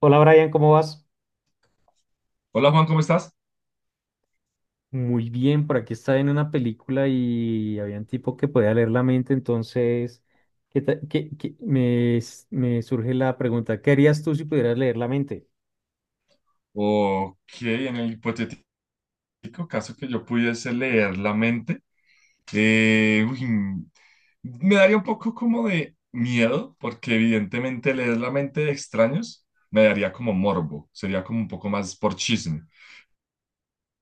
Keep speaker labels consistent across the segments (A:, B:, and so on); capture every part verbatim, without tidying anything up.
A: Hola Brian, ¿cómo vas?
B: Hola Juan, ¿cómo estás?
A: Muy bien, por aquí estaba en una película y había un tipo que podía leer la mente, entonces ¿qué ta- qué- qué- me, s- me surge la pregunta, ¿qué harías tú si pudieras leer la mente?
B: Ok, en el hipotético caso que yo pudiese leer la mente, eh, uy, mm, me daría un poco como de miedo, porque evidentemente leer la mente de extraños me daría como morbo, sería como un poco más por chisme.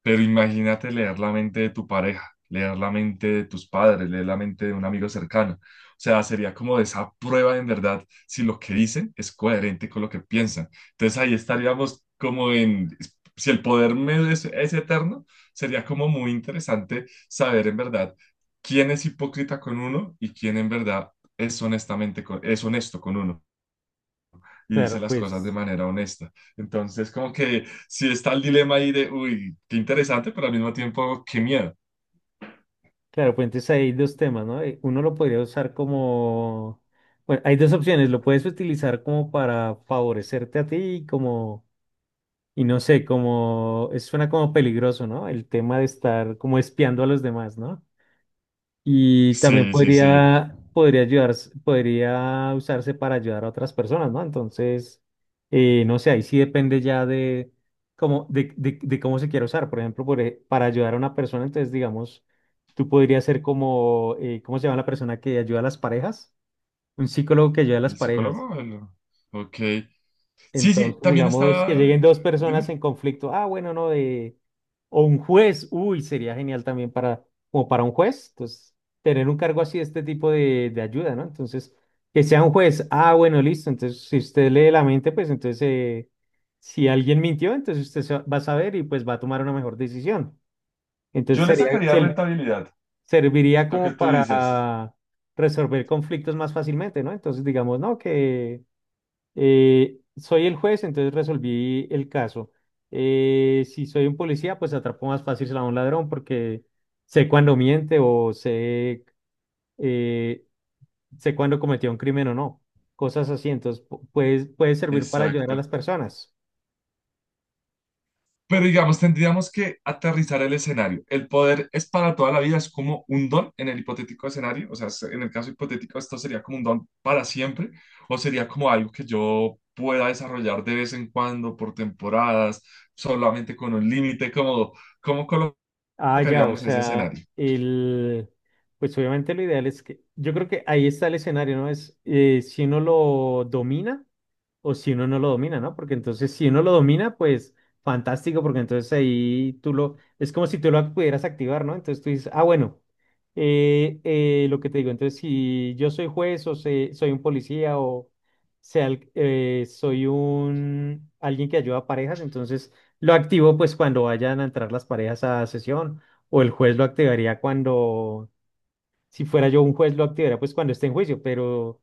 B: Pero imagínate leer la mente de tu pareja, leer la mente de tus padres, leer la mente de un amigo cercano. O sea, sería como esa prueba en verdad si lo que dicen es coherente con lo que piensan. Entonces ahí estaríamos como en, si el poder me- es, es eterno, sería como muy interesante saber en verdad quién es hipócrita con uno y quién en verdad es honestamente con- es honesto con uno y dice
A: Claro,
B: las cosas de
A: pues,
B: manera honesta. Entonces, como que sí está el dilema ahí de, uy, qué interesante, pero al mismo tiempo, qué miedo.
A: claro, pues entonces hay dos temas, ¿no? Eh, Uno lo podría usar como, bueno, hay dos opciones, lo puedes utilizar como para favorecerte a ti y como, y no sé, como, eso suena como peligroso, ¿no? El tema de estar como espiando a los demás, ¿no? Y también
B: Sí, sí, sí.
A: podría, podría ayudar, podría usarse para ayudar a otras personas, ¿no? Entonces, eh, no sé, ahí sí depende ya de cómo, de, de- de cómo se quiera usar. Por ejemplo, por e- para ayudar a una persona, entonces, digamos, tú podrías ser como, eh, ¿cómo se llama la persona que ayuda a las parejas? Un psicólogo que ayuda a las
B: ¿El
A: parejas.
B: psicólogo? El- Ok. Sí, sí,
A: Entonces,
B: también
A: digamos que
B: está,
A: lleguen dos personas
B: dime.
A: en conflicto. Ah, bueno, no, de... O un juez. Uy, sería genial también para, como para un juez. Entonces, tener un cargo así, este tipo de, de ayuda, ¿no? Entonces, que sea un juez. Ah, bueno, listo. Entonces, si usted lee la mente, pues entonces, eh, si alguien mintió, entonces usted se va va a saber y pues va a tomar una mejor decisión. Entonces,
B: Yo le
A: sería,
B: sacaría
A: se-
B: rentabilidad,
A: serviría
B: lo que
A: como
B: tú dices.
A: para resolver conflictos más fácilmente, ¿no? Entonces, digamos, ¿no? Que... Eh, soy el juez, entonces resolví el caso. Eh, si soy un policía, pues atrapo más fácil a un ladrón porque sé cuándo miente o sé, eh, sé cuándo cometió un crimen o no. Cosas así, entonces pu- puede, puede servir para ayudar a
B: Exacto.
A: las personas.
B: Pero digamos, tendríamos que aterrizar el escenario. ¿El poder es para toda la vida? ¿Es como un don en el hipotético escenario? O sea, es- en el caso hipotético, ¿esto sería como un don para siempre? ¿O sería como algo que yo pueda desarrollar de vez en cuando, por temporadas, solamente con un límite? ¿Cómo, cómo
A: Ah, ya, o
B: colocaríamos ese
A: sea,
B: escenario?
A: el, pues obviamente lo ideal es que, yo creo que ahí está el escenario, ¿no? Es eh, si uno lo domina. O si uno no lo domina, ¿no? Porque entonces si uno lo domina, pues fantástico, porque entonces ahí tú lo... Es como si tú lo pudieras activar, ¿no? Entonces tú dices, ah, bueno, eh, eh, lo que te digo, entonces si yo soy juez o se- soy un policía o sea, el- eh, soy un... alguien que ayuda a parejas, entonces lo activo pues cuando vayan a entrar las parejas a sesión o el juez lo activaría cuando... Si fuera yo un juez lo activaría pues cuando esté en juicio, pero...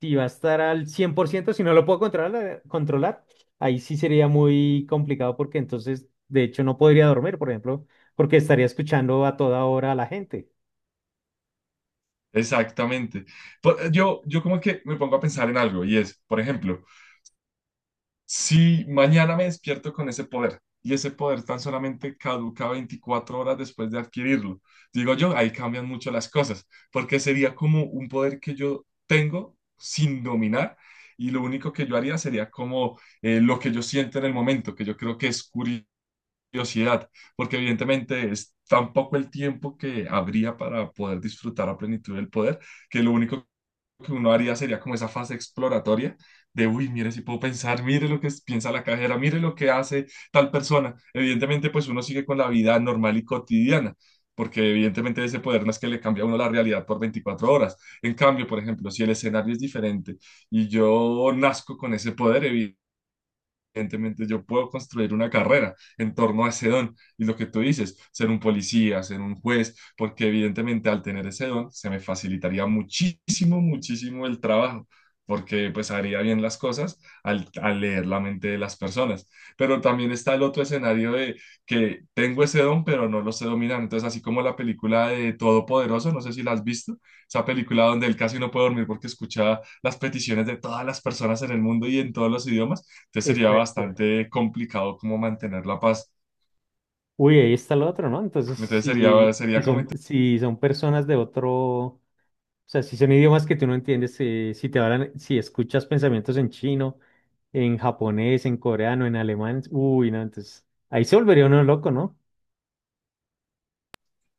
A: Si va a estar al cien por ciento si no lo puedo controlar, eh, controlar, ahí sí sería muy complicado porque entonces, de hecho, no podría dormir, por ejemplo, porque estaría escuchando a toda hora a la gente.
B: Exactamente. Por- Yo, yo como que me pongo a pensar en algo y es, por ejemplo, si mañana me despierto con ese poder y ese poder tan solamente caduca 24 horas después de adquirirlo, digo yo, ahí cambian mucho las cosas, porque sería como un poder que yo tengo sin dominar y lo único que yo haría sería como eh, lo que yo siento en el momento, que yo creo que es curiosidad, porque evidentemente es tan poco el tiempo que habría para poder disfrutar a plenitud del poder, que lo único que uno haría sería como esa fase exploratoria de, uy, mire si puedo pensar, mire lo que es- piensa la cajera, mire lo que hace tal persona. Evidentemente, pues uno sigue con la vida normal y cotidiana, porque evidentemente ese poder no es que le cambie a uno la realidad por veinticuatro horas. En cambio, por ejemplo, si el escenario es diferente y yo nazco con ese poder, evidentemente yo puedo construir una carrera en torno a ese don y lo que tú dices, ser un policía, ser un juez, porque evidentemente al tener ese don se me facilitaría muchísimo, muchísimo el trabajo, porque pues haría bien las cosas al, al leer la mente de las personas. Pero también está el otro escenario de que tengo ese don, pero no lo sé dominar. Entonces, así como la película de Todopoderoso, no sé si la has visto, esa película donde él casi no puede dormir porque escucha las peticiones de todas las personas en el mundo y en todos los idiomas. Entonces sería
A: Exacto.
B: bastante complicado como mantener la paz.
A: Uy, ahí está lo otro, ¿no? Entonces,
B: Entonces sería,
A: si, si
B: sería como,
A: son,
B: inter-
A: si son personas de otro, o sea, si son idiomas que tú no entiendes, eh, si te hablan, si escuchas pensamientos en chino, en japonés, en coreano, en alemán, uy, no, entonces, ahí se volvería uno loco, ¿no?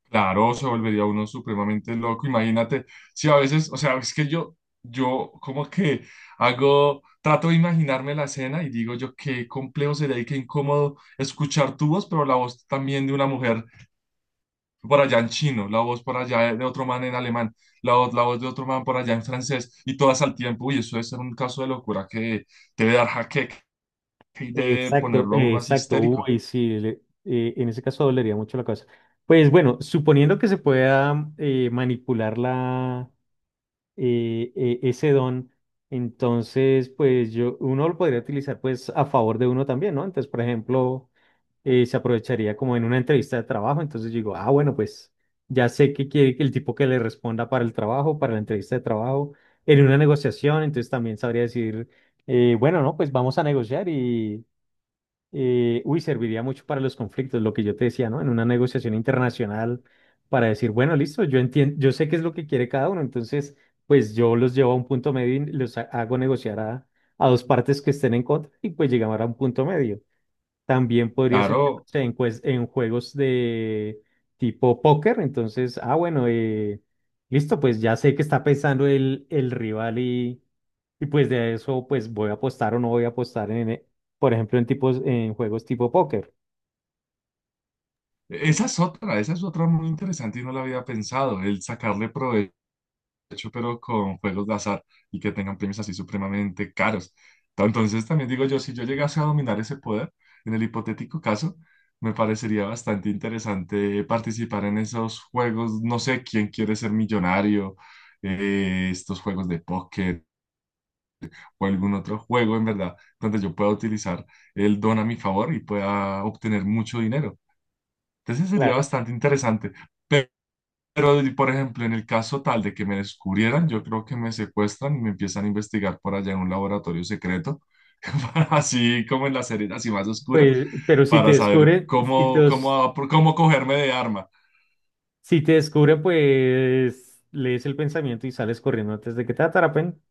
B: claro, se volvería uno supremamente loco. Imagínate, si a veces, o sea, es que yo, yo como que hago, trato de imaginarme la escena y digo yo qué complejo sería y qué incómodo escuchar tu voz, pero la voz también de una mujer por allá en chino, la voz por allá de otro man en alemán, la voz, la voz de otro man por allá en francés y todas al tiempo. Uy, eso debe ser un caso de locura que debe dar jaqueca y debe
A: Exacto,
B: ponerlo a
A: eh,
B: uno así
A: exacto.
B: histérico.
A: Uy, sí, le- eh, en ese caso dolería mucho la cabeza. Pues bueno, suponiendo que se pueda eh, manipular la, eh, eh, ese don, entonces pues yo, uno lo podría utilizar pues a favor de uno también, ¿no? Entonces, por ejemplo, eh, se aprovecharía como en una entrevista de trabajo, entonces yo digo, ah, bueno, pues ya sé que quiere que el tipo que le responda para el trabajo, para la entrevista de trabajo, en una negociación, entonces también sabría decir, eh, bueno, no, pues vamos a negociar y eh, uy, serviría mucho para los conflictos, lo que yo te decía, ¿no? En una negociación internacional para decir, bueno, listo, yo entiendo, yo sé qué es lo que quiere cada uno, entonces, pues yo los llevo a un punto medio y los ha- hago negociar a, a dos partes que estén en contra y pues llegamos a un punto medio. También podría ser
B: Claro,
A: en, pues, en juegos de tipo póker. Entonces, ah, bueno, eh, listo, pues ya sé que está pensando el, el rival y, y pues de eso, pues voy a apostar o no voy a apostar en, eh, por ejemplo, en tipos, en juegos tipo póker.
B: e-, esa es otra, esa es otra muy interesante y no la había pensado, el sacarle provecho pero con juegos de azar y que tengan premios así supremamente caros. Ta- Entonces también digo yo, si yo llegase a dominar ese poder, en el hipotético caso, me parecería bastante interesante participar en esos juegos, no sé, quién quiere ser millonario, eh, estos juegos de póker o algún otro juego en verdad, donde yo pueda utilizar el don a mi favor y pueda obtener mucho dinero. Entonces sería
A: Claro.
B: bastante interesante. Pe- Pero, por ejemplo, en el caso tal de que me descubrieran, yo creo que me secuestran y me empiezan a investigar por allá en un laboratorio secreto, para- así como en las series así más oscuras,
A: Pues, pero si te
B: para saber
A: descubren, si te,
B: cómo,
A: os-
B: cómo, cómo cogerme de arma.
A: si te descubren, pues lees el pensamiento y sales corriendo antes de que te atrapen.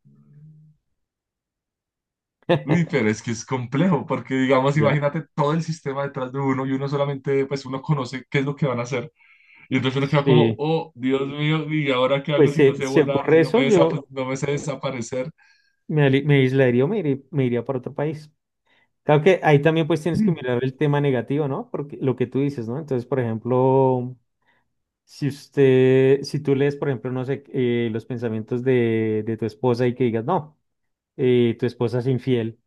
B: Uy, pero es que es complejo, porque digamos,
A: Ya.
B: imagínate todo el sistema detrás de uno y uno solamente, pues uno conoce qué es lo que van a hacer. Y entonces uno queda como,
A: Sí,
B: oh, Dios mío, ¿y ahora qué hago
A: pues
B: si no
A: se,
B: sé
A: se
B: volar, si
A: ocurre
B: no
A: eso,
B: me, desap-
A: yo,
B: no me sé desaparecer?
A: Me, ali- me aislaría o me iría, me iría para otro país. Claro que ahí también pues tienes que
B: Mm.
A: mirar el tema negativo, ¿no? Porque lo que tú dices, ¿no? Entonces, por ejemplo, si usted, si tú lees, por ejemplo, no sé, eh, los pensamientos de, de tu esposa y que digas, no, eh, tu esposa es infiel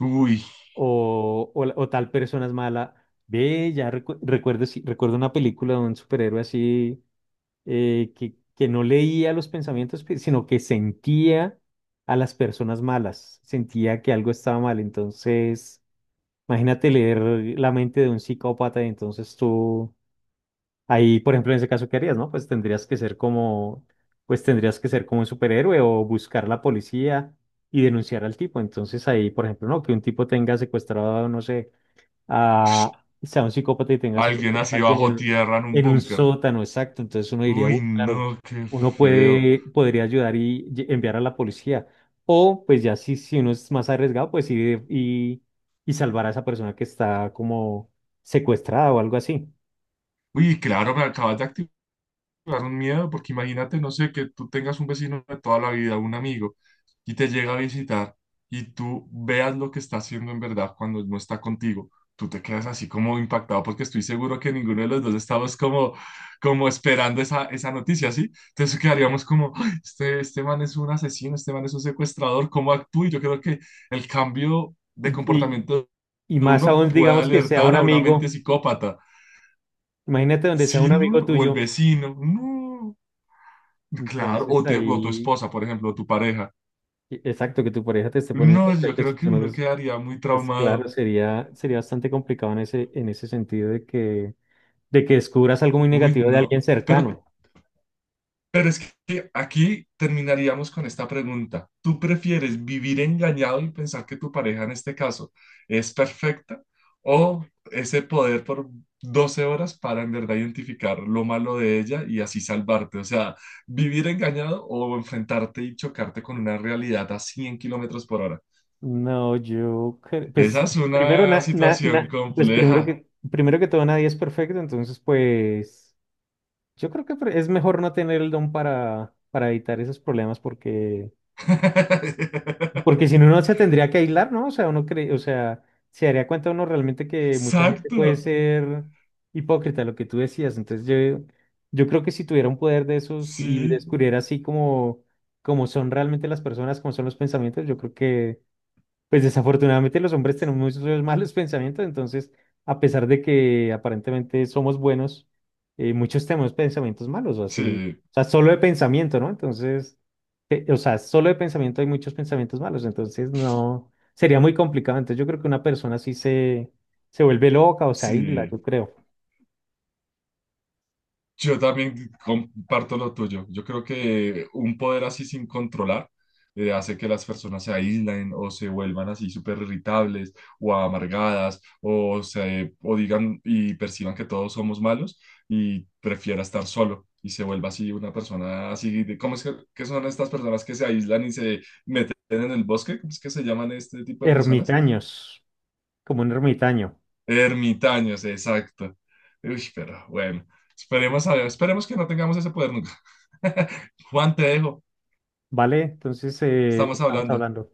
B: Uy,
A: o, o, la- o tal persona es mala, ve, ya recu- recuerdo, sí, recuerdo una película de un superhéroe así eh, que, que no leía los pensamientos, pe- sino que sentía a las personas malas, sentía que algo estaba mal. Entonces, imagínate leer la mente de un psicópata y entonces tú, ahí, por ejemplo, en ese caso, ¿qué harías, no? Pues tendrías que ser como, pues tendrías que ser como un superhéroe o buscar la policía y denunciar al tipo. Entonces ahí, por ejemplo, no, que un tipo tenga secuestrado, no sé a, sea un psicópata y tenga
B: alguien
A: secuestrado a
B: así
A: alguien en,
B: bajo
A: un-
B: tierra en un
A: en un
B: búnker.
A: sótano, exacto. Entonces uno diría,
B: Uy,
A: "Uy, claro,
B: no, qué
A: uno
B: feo.
A: puede, podría ayudar y lle- enviar a la policía. O pues ya si, si uno es más arriesgado, pues ir y, y salvar a esa persona que está como secuestrada o algo así.
B: Uy, claro, me acabas de activar. Claro, un miedo, porque imagínate, no sé, que tú tengas un vecino de toda la vida, un amigo, y te llega a visitar y tú veas lo que está haciendo en verdad cuando no está contigo. Tú te quedas así como impactado porque estoy seguro que ninguno de los dos estamos como, como esperando esa, esa noticia, ¿sí? Entonces quedaríamos como, "Ay, este, este man es un asesino, este man es un secuestrador, ¿cómo actúa?" Y yo creo que el cambio de
A: Y, y,
B: comportamiento
A: y
B: de
A: más
B: uno
A: aún,
B: puede
A: digamos que sea
B: alertar
A: un
B: a una mente
A: amigo,
B: psicópata.
A: imagínate donde sea
B: Sí,
A: un amigo
B: no, o el
A: tuyo.
B: vecino, no. Claro, o,
A: Entonces
B: te- o tu
A: ahí,
B: esposa, por ejemplo, o tu pareja.
A: e- exacto, que tu pareja te esté poniendo
B: No,
A: los
B: yo
A: cachos
B: creo
A: y
B: que
A: tú no.
B: uno quedaría muy
A: Pues
B: traumado.
A: claro, sería, sería bastante complicado en ese, en ese sentido de que, de que descubras algo muy
B: Uy,
A: negativo de alguien
B: no. Pero,
A: cercano.
B: pero es que aquí terminaríamos con esta pregunta. ¿Tú prefieres vivir engañado y pensar que tu pareja en este caso es perfecta o ese poder por doce horas para en verdad identificar lo malo de ella y así salvarte? O sea, vivir engañado o enfrentarte y chocarte con una realidad a cien kilómetros por hora.
A: No, yo, cre-
B: Esa
A: pues
B: es
A: primero,
B: una
A: na, na-
B: situación
A: na- pues primero
B: compleja.
A: que, primero que todo nadie es perfecto, entonces pues yo creo que pre- es mejor no tener el don para, para evitar esos problemas porque... Porque si no, uno se tendría que aislar, ¿no? O sea, uno cree, o sea, se daría cuenta uno realmente que mucha gente puede
B: Exacto.
A: ser hipócrita, lo que tú decías. Entonces yo, yo creo que si tuviera un poder de esos y
B: Sí,
A: descubriera así como, como son realmente las personas, como son los pensamientos, yo creo que pues desafortunadamente los hombres tenemos muchos malos pensamientos, entonces a pesar de que aparentemente somos buenos, eh, muchos tenemos pensamientos malos, o así,
B: sí,
A: o sea, solo de pensamiento, ¿no? Entonces, eh, o sea, solo de pensamiento hay muchos pensamientos malos, entonces no, sería muy complicado. Entonces yo creo que una persona así se, se vuelve loca o se aísla,
B: sí.
A: yo creo.
B: Yo también comparto lo tuyo. Yo creo que un poder así sin controlar eh, hace que las personas se aíslen o se vuelvan así súper irritables o amargadas o, se, o digan y perciban que todos somos malos y prefiera estar solo y se vuelva así una persona así. De, ¿cómo es que, qué son estas personas que se aíslan y se meten en el bosque? ¿Cómo es que se llaman este tipo de personas?
A: Ermitaños, como un ermitaño,
B: Ermitaños, exacto. Uy, pero bueno, esperemos, a- esperemos que no tengamos ese poder nunca. Juan, te dejo.
A: ¿vale? Entonces eh,
B: Estamos
A: estamos
B: hablando.
A: hablando.